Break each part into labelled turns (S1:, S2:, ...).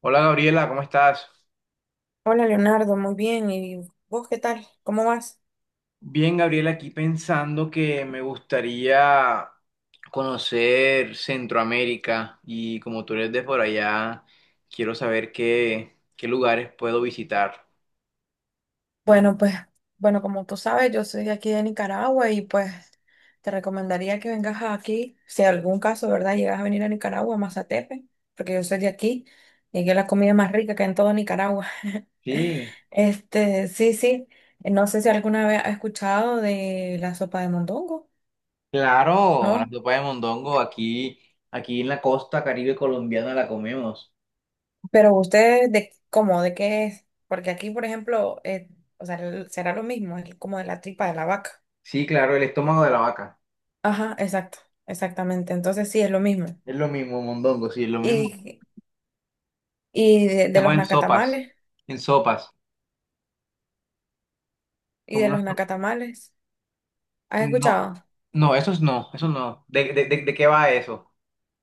S1: Hola Gabriela, ¿cómo estás?
S2: Hola Leonardo, muy bien. ¿Y vos qué tal? ¿Cómo vas?
S1: Bien, Gabriela, aquí pensando que me gustaría conocer Centroamérica y como tú eres de por allá, quiero saber qué lugares puedo visitar.
S2: Bueno, pues, bueno, como tú sabes, yo soy de aquí de Nicaragua y pues te recomendaría que vengas aquí, si en algún caso, ¿verdad? Llegas a venir a Nicaragua, a Mazatepe, porque yo soy de aquí y aquí es la comida más rica que hay en todo Nicaragua.
S1: Sí,
S2: Sí, sí, no sé si alguna vez has escuchado de la sopa de mondongo,
S1: claro, la
S2: ¿no?
S1: sopa de mondongo aquí, aquí en la costa Caribe colombiana la comemos.
S2: Pero ustedes, ¿de cómo? ¿De qué es? Porque aquí, por ejemplo, o sea, será lo mismo, es como de la tripa de la vaca.
S1: Sí, claro, el estómago de la vaca.
S2: Ajá, exacto, exactamente. Entonces sí, es lo mismo.
S1: Es lo mismo, mondongo, sí, es lo mismo.
S2: Y, y de
S1: Hacemos
S2: los
S1: en sopas,
S2: nacatamales,
S1: en sopas,
S2: y
S1: como
S2: de
S1: una
S2: los
S1: sopa.
S2: nacatamales, ¿has escuchado?
S1: No, esos no, esos no. ¿De qué va eso?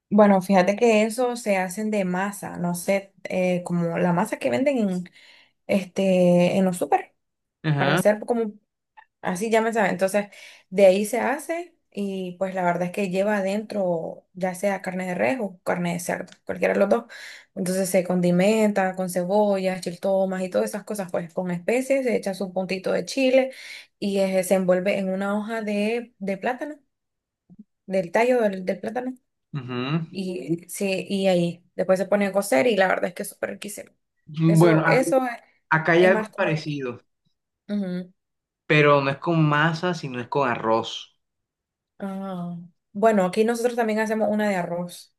S2: Bueno, fíjate que eso se hacen de masa, no sé, como la masa que venden en los súper, para
S1: Ajá,
S2: hacer como así ya me sabe. Entonces, de ahí se hace y pues la verdad es que lleva adentro ya sea carne de res o carne de cerdo, cualquiera de los dos. Entonces se condimenta con cebollas, chiltomas y todas esas cosas, pues con especies, se echa su puntito de chile y se envuelve en una hoja de plátano, del tallo del plátano.
S1: ujú.
S2: Y, sí, y ahí después se pone a cocer y la verdad es que es súper riquísimo.
S1: Bueno,
S2: Eso, eso
S1: acá hay
S2: es
S1: algo
S2: más como de aquí.
S1: parecido,
S2: Ujú.
S1: pero no es con masa, sino es con arroz.
S2: Ah. Bueno, aquí nosotros también hacemos una de arroz.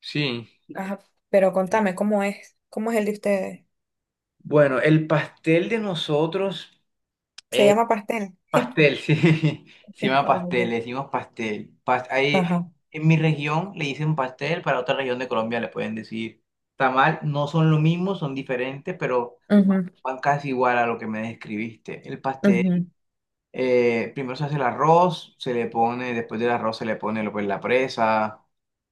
S1: Sí.
S2: Ajá, pero contame, ¿cómo es? ¿Cómo es el de ustedes?
S1: Bueno, el pastel de nosotros
S2: ¿Se
S1: es
S2: llama pastel?
S1: pastel, sí. Se llama
S2: Oh,
S1: pastel,
S2: ok.
S1: le decimos pastel. Ahí,
S2: Ajá.
S1: en mi región le dicen pastel, para otra región de Colombia le pueden decir tamal. No son lo mismo, son diferentes, pero
S2: Ujú,
S1: van casi igual a lo que me describiste. El pastel.
S2: ujú.
S1: Primero se hace el arroz, se le pone, después del arroz se le pone lo que es la presa,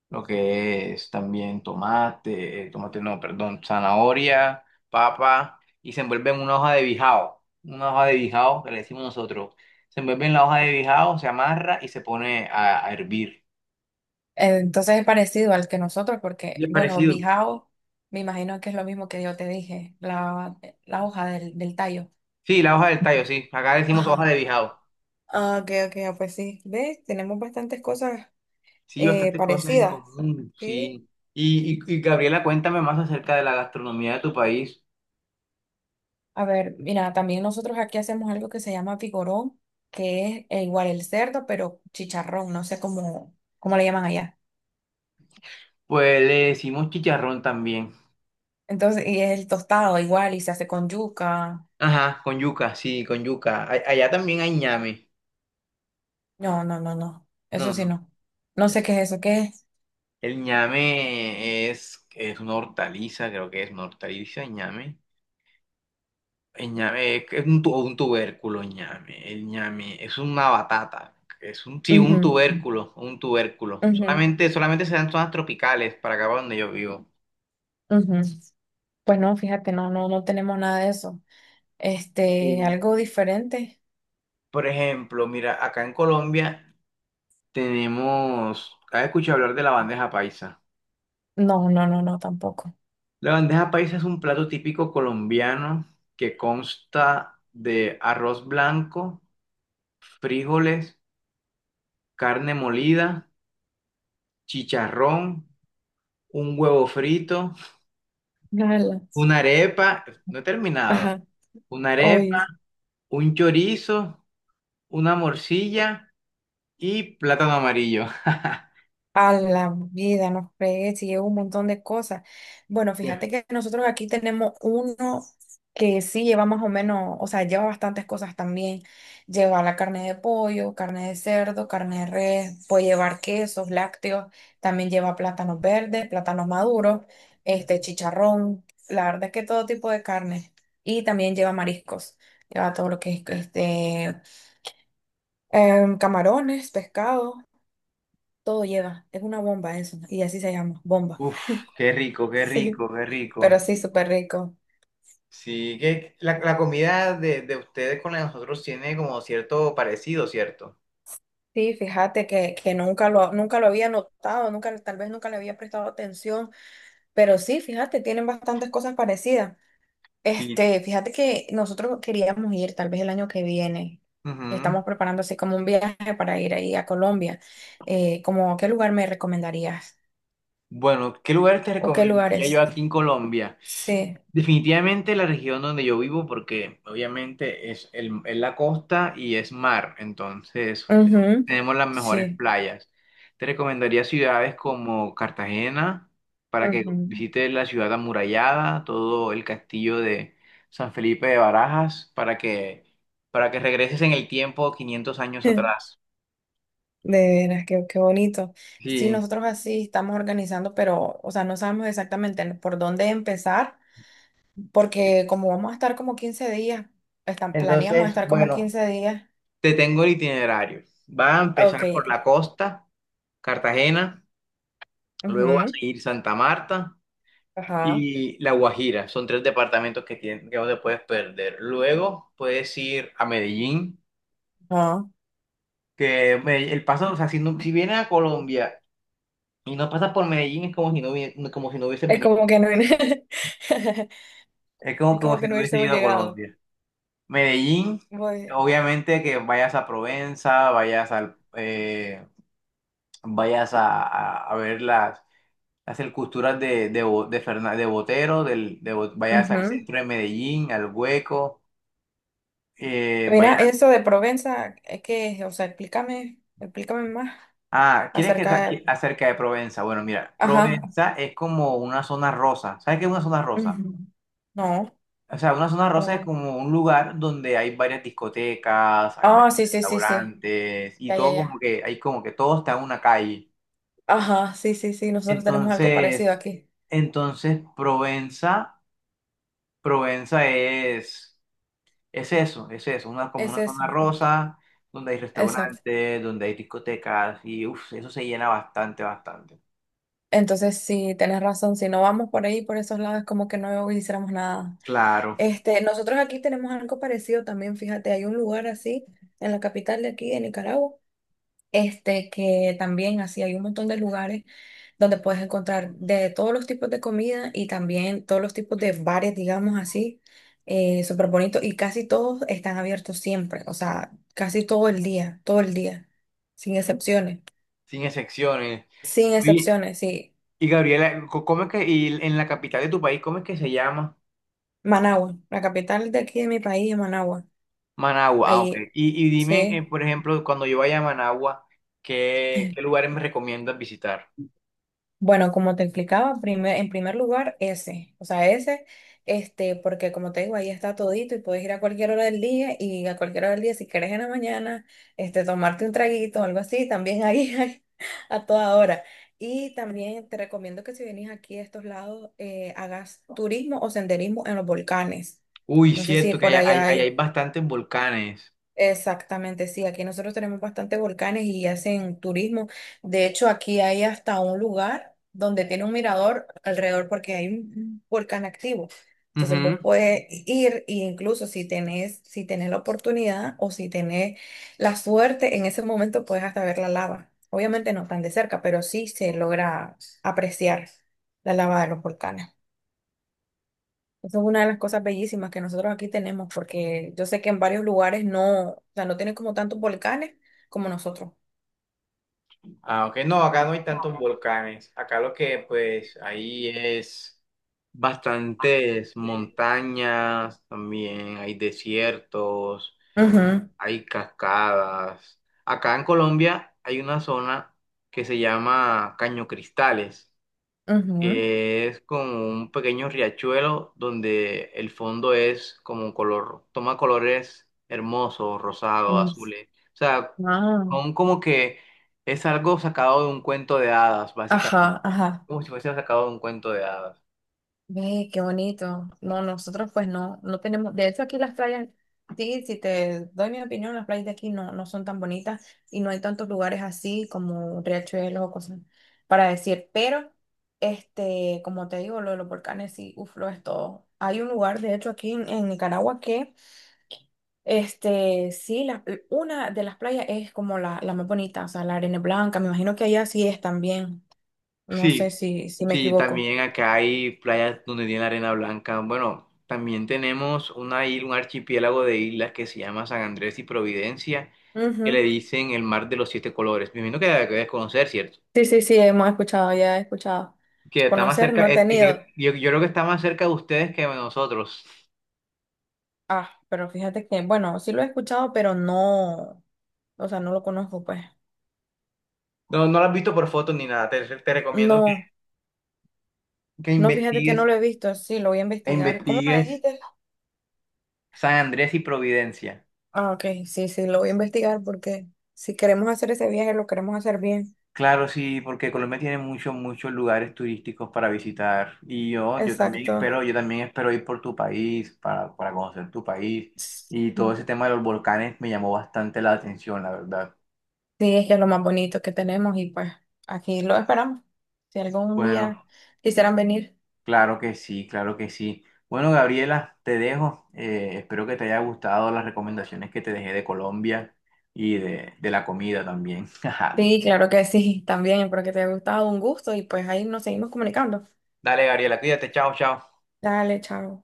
S1: lo que es también tomate, tomate no, perdón, zanahoria, papa, y se envuelve en una hoja de bijao, una hoja de bijao que le decimos nosotros. Se envuelve en la hoja de bijao, se amarra y se pone a hervir.
S2: Entonces es parecido al que nosotros,
S1: Y
S2: porque,
S1: es
S2: bueno,
S1: parecido.
S2: bijao, me imagino que es lo mismo que yo te dije, la hoja del tallo.
S1: Sí, la hoja del tallo, sí. Acá decimos
S2: Ajá.
S1: hoja de bijao.
S2: Ah, ok, ok, ah, pues sí. ¿Ves? Tenemos bastantes cosas
S1: Sí, bastantes cosas en
S2: parecidas.
S1: común,
S2: Sí.
S1: sí. Y Gabriela, cuéntame más acerca de la gastronomía de tu país.
S2: A ver, mira, también nosotros aquí hacemos algo que se llama pigorón, que es igual el cerdo, pero chicharrón, no sé cómo, cómo le llaman allá.
S1: Pues le decimos chicharrón también.
S2: Entonces, y es el tostado igual y se hace con yuca.
S1: Ajá, con yuca, sí, con yuca. Allá también hay ñame.
S2: No, no, no, no.
S1: No,
S2: Eso
S1: no.
S2: sí
S1: no.
S2: no. No sé qué es eso, ¿qué es?
S1: El ñame es una hortaliza, creo que es una hortaliza, el ñame. El ñame es un, un tubérculo, el ñame. El ñame es una batata. Es un, sí,
S2: Ujú,
S1: un tubérculo, un tubérculo.
S2: ujú,
S1: Solamente se dan en zonas tropicales para acá para donde yo vivo.
S2: ujú. Pues no, fíjate, no, no, no tenemos nada de eso.
S1: Y,
S2: Algo diferente.
S1: por ejemplo, mira, acá en Colombia tenemos, ¿has escuchado hablar de la bandeja paisa?
S2: No, no, no, no, tampoco.
S1: La bandeja paisa es un plato típico colombiano que consta de arroz blanco, frijoles, carne molida, chicharrón, un huevo frito,
S2: Nada.
S1: una arepa, no he terminado,
S2: Ajá.
S1: una arepa,
S2: Hoy.
S1: un chorizo, una morcilla y plátano amarillo.
S2: A la vida, nos fregué, sí, lleva un montón de cosas. Bueno, fíjate que nosotros aquí tenemos uno que sí lleva más o menos, o sea, lleva bastantes cosas también. Lleva la carne de pollo, carne de cerdo, carne de res, puede llevar quesos, lácteos, también lleva plátanos verdes, plátanos maduros, este chicharrón, la verdad es que todo tipo de carne. Y también lleva mariscos, lleva todo lo que es camarones, pescado. Todo lleva, es una bomba eso, ¿no? Y así se llama, bomba.
S1: Uf, qué rico, qué
S2: Sí,
S1: rico, qué
S2: pero
S1: rico.
S2: sí, súper rico.
S1: Sí, que la comida de ustedes con la de nosotros tiene como cierto parecido, ¿cierto?
S2: Sí, fíjate que, que nunca lo había notado, nunca, tal vez nunca le había prestado atención, pero sí, fíjate, tienen bastantes cosas parecidas.
S1: Sí.
S2: Fíjate que nosotros queríamos ir tal vez el año que viene.
S1: Ujú.
S2: Estamos preparando así como un viaje para ir ahí a Colombia. Como, ¿qué lugar me recomendarías?
S1: Bueno, ¿qué lugar te
S2: ¿O qué
S1: recomendaría yo
S2: lugares?
S1: aquí en Colombia?
S2: Sí.
S1: Definitivamente la región donde yo vivo, porque obviamente es, el, es la costa y es mar, entonces
S2: Ujú.
S1: tenemos las mejores
S2: Sí.
S1: playas. Te recomendaría ciudades como Cartagena, para que
S2: Ujú.
S1: visites la ciudad amurallada, todo el castillo de San Felipe de Barajas, para que regreses en el tiempo 500 años atrás.
S2: De veras, qué, qué bonito. Sí,
S1: Sí.
S2: nosotros así estamos organizando, pero, o sea, no sabemos exactamente por dónde empezar, porque como vamos a estar como 15 días, están, planeamos
S1: Entonces,
S2: estar como
S1: bueno.
S2: 15 días.
S1: Te tengo el itinerario. Va a empezar
S2: Ok.
S1: por la costa, Cartagena, luego va a
S2: Ujú.
S1: seguir Santa Marta
S2: Ajá.
S1: y La Guajira. Son tres departamentos que, que no te puedes perder. Luego puedes ir a Medellín,
S2: Ajá.
S1: que el paso, o sea, si, si vienes a Colombia y no pasas por Medellín es como si no, como si no hubieses
S2: Es
S1: venido.
S2: como que no,
S1: Es
S2: es
S1: como, como
S2: como
S1: si
S2: que no
S1: no hubieses
S2: hubiésemos
S1: ido a
S2: llegado.
S1: Colombia. Medellín,
S2: Voy-
S1: obviamente que vayas a Provenza, vayas al... vayas a, a ver las Hace el cultural Bo- de Botero, vayas al
S2: Ujú.
S1: centro de Medellín, al Hueco,
S2: Mira,
S1: vayas...
S2: eso de Provenza, es que, o sea, explícame, explícame más
S1: Ah, ¿quieres que
S2: acerca de...
S1: acerca de Provenza? Bueno, mira,
S2: Ajá.
S1: Provenza es como una zona rosa. ¿Sabes qué es una zona rosa?
S2: Ujú. No,
S1: O sea, una zona
S2: para
S1: rosa es
S2: nada.
S1: como un lugar donde hay varias discotecas, hay
S2: Ah,
S1: varios
S2: sí, sí, sí, sí.
S1: restaurantes y
S2: Ya, ya,
S1: todo como
S2: ya.
S1: que, hay como que todo está en una calle.
S2: Ajá, sí, sí, sí, nosotros tenemos algo parecido
S1: Entonces,
S2: aquí.
S1: entonces Provenza es eso, una, como
S2: Es
S1: una
S2: eso.
S1: zona
S2: Ok,
S1: rosa, donde hay
S2: exacto.
S1: restaurantes, donde hay discotecas, y uff, eso se llena bastante, bastante.
S2: Entonces, sí, tenés razón, si no vamos por ahí, por esos lados, es como que no hiciéramos nada.
S1: Claro,
S2: Nosotros aquí tenemos algo parecido también, fíjate, hay un lugar así en la capital de aquí, de Nicaragua, que también así hay un montón de lugares donde puedes encontrar de todos los tipos de comida y también todos los tipos de bares, digamos así, súper bonitos y casi todos están abiertos siempre, o sea, casi todo el día, sin excepciones,
S1: sin excepciones.
S2: sin
S1: Y,
S2: excepciones, sí.
S1: y Gabriela, ¿cómo es que, y en la capital de tu país, cómo es que se llama?
S2: Managua, la capital de aquí de mi país es Managua,
S1: Managua, ah, ok.
S2: ahí,
S1: Y dime,
S2: sí.
S1: por ejemplo, cuando yo vaya a Managua, ¿qué lugares me recomiendas visitar?
S2: Bueno, como te explicaba, en primer lugar, ese, o sea, ese, porque como te digo, ahí está todito y puedes ir a cualquier hora del día y a cualquier hora del día, si quieres en la mañana, tomarte un traguito o algo así, también ahí hay a toda hora. Y también te recomiendo que si venís aquí a estos lados, hagas turismo o senderismo en los volcanes.
S1: Uy,
S2: No sé si
S1: cierto, que
S2: por ahí
S1: allá hay
S2: hay.
S1: bastantes volcanes.
S2: Exactamente, sí, aquí nosotros tenemos bastantes volcanes y hacen turismo. De hecho, aquí hay hasta un lugar donde tiene un mirador alrededor porque hay un volcán activo. Entonces
S1: Ujú.
S2: vos puedes ir e incluso si tenés, si tenés la oportunidad o si tenés la suerte, en ese momento puedes hasta ver la lava. Obviamente no tan de cerca, pero sí se logra apreciar la lava de los volcanes. Eso es una de las cosas bellísimas que nosotros aquí tenemos, porque yo sé que en varios lugares no, o sea, no tienen como tantos volcanes como nosotros.
S1: Ah, ok, no, acá no hay tantos volcanes. Acá lo que pues ahí es bastantes montañas, también hay desiertos,
S2: Ujú,
S1: hay cascadas. Acá en Colombia hay una zona que se llama Caño Cristales
S2: ujú,
S1: que es como un pequeño riachuelo donde el fondo es como un color, toma colores hermosos, rosados,
S2: mm,
S1: azules. O sea,
S2: ah,
S1: son como que es algo sacado de un cuento de hadas, básicamente.
S2: ajá, ajá.
S1: Como si fuese sacado de un cuento de hadas.
S2: Ve, qué bonito. No, nosotros pues no, no tenemos, de hecho aquí las playas, sí, si te doy mi opinión, las playas de aquí no, no son tan bonitas y no hay tantos lugares así como riachuelos o cosas para decir, pero como te digo, lo de los volcanes sí, uf, lo es todo. Hay un lugar, de hecho, aquí en Nicaragua que, sí, una de las playas es como la más bonita, o sea, la arena es blanca, me imagino que allá sí es también, no sé
S1: Sí,
S2: si me
S1: sí,
S2: equivoco.
S1: también acá hay playas donde tiene la arena blanca. Bueno, también tenemos una isla, un archipiélago de islas que se llama San Andrés y Providencia, que le
S2: Ujú.
S1: dicen el mar de los siete colores. Me imagino que la debes conocer, ¿cierto?
S2: Sí, sí, sí, hemos escuchado, ya he escuchado.
S1: Que está más
S2: Conocer
S1: cerca,
S2: no he
S1: que
S2: tenido.
S1: yo creo que está más cerca de ustedes que de nosotros.
S2: Ah, pero fíjate que, bueno, sí lo he escuchado, pero no, o sea, no lo conozco, pues.
S1: No, no lo has visto por fotos ni nada. Te recomiendo
S2: No,
S1: que
S2: no, fíjate que no
S1: investigues,
S2: lo he visto, sí, lo voy a
S1: e
S2: investigar. ¿Cómo me
S1: investigues
S2: dijiste?
S1: San Andrés y Providencia.
S2: Ah, ok, sí, sí, lo voy a investigar porque si queremos hacer ese viaje, lo queremos hacer bien.
S1: Claro, sí, porque Colombia tiene muchos, muchos lugares turísticos para visitar.
S2: Exacto.
S1: Yo también espero ir por tu país, para conocer tu país.
S2: Sí,
S1: Y todo
S2: sí,
S1: ese tema de los volcanes me llamó bastante la atención, la verdad.
S2: es que es lo más bonito que tenemos y pues aquí lo esperamos. Si algún
S1: Bueno.
S2: día quisieran venir.
S1: Claro que sí, claro que sí. Bueno, Gabriela, te dejo. Espero que te haya gustado las recomendaciones que te dejé de Colombia y de la comida también.
S2: Sí, claro que sí, también, espero que te haya gustado, un gusto y pues ahí nos seguimos comunicando.
S1: Dale, Gabriela, cuídate, chao, chao.
S2: Dale, chao.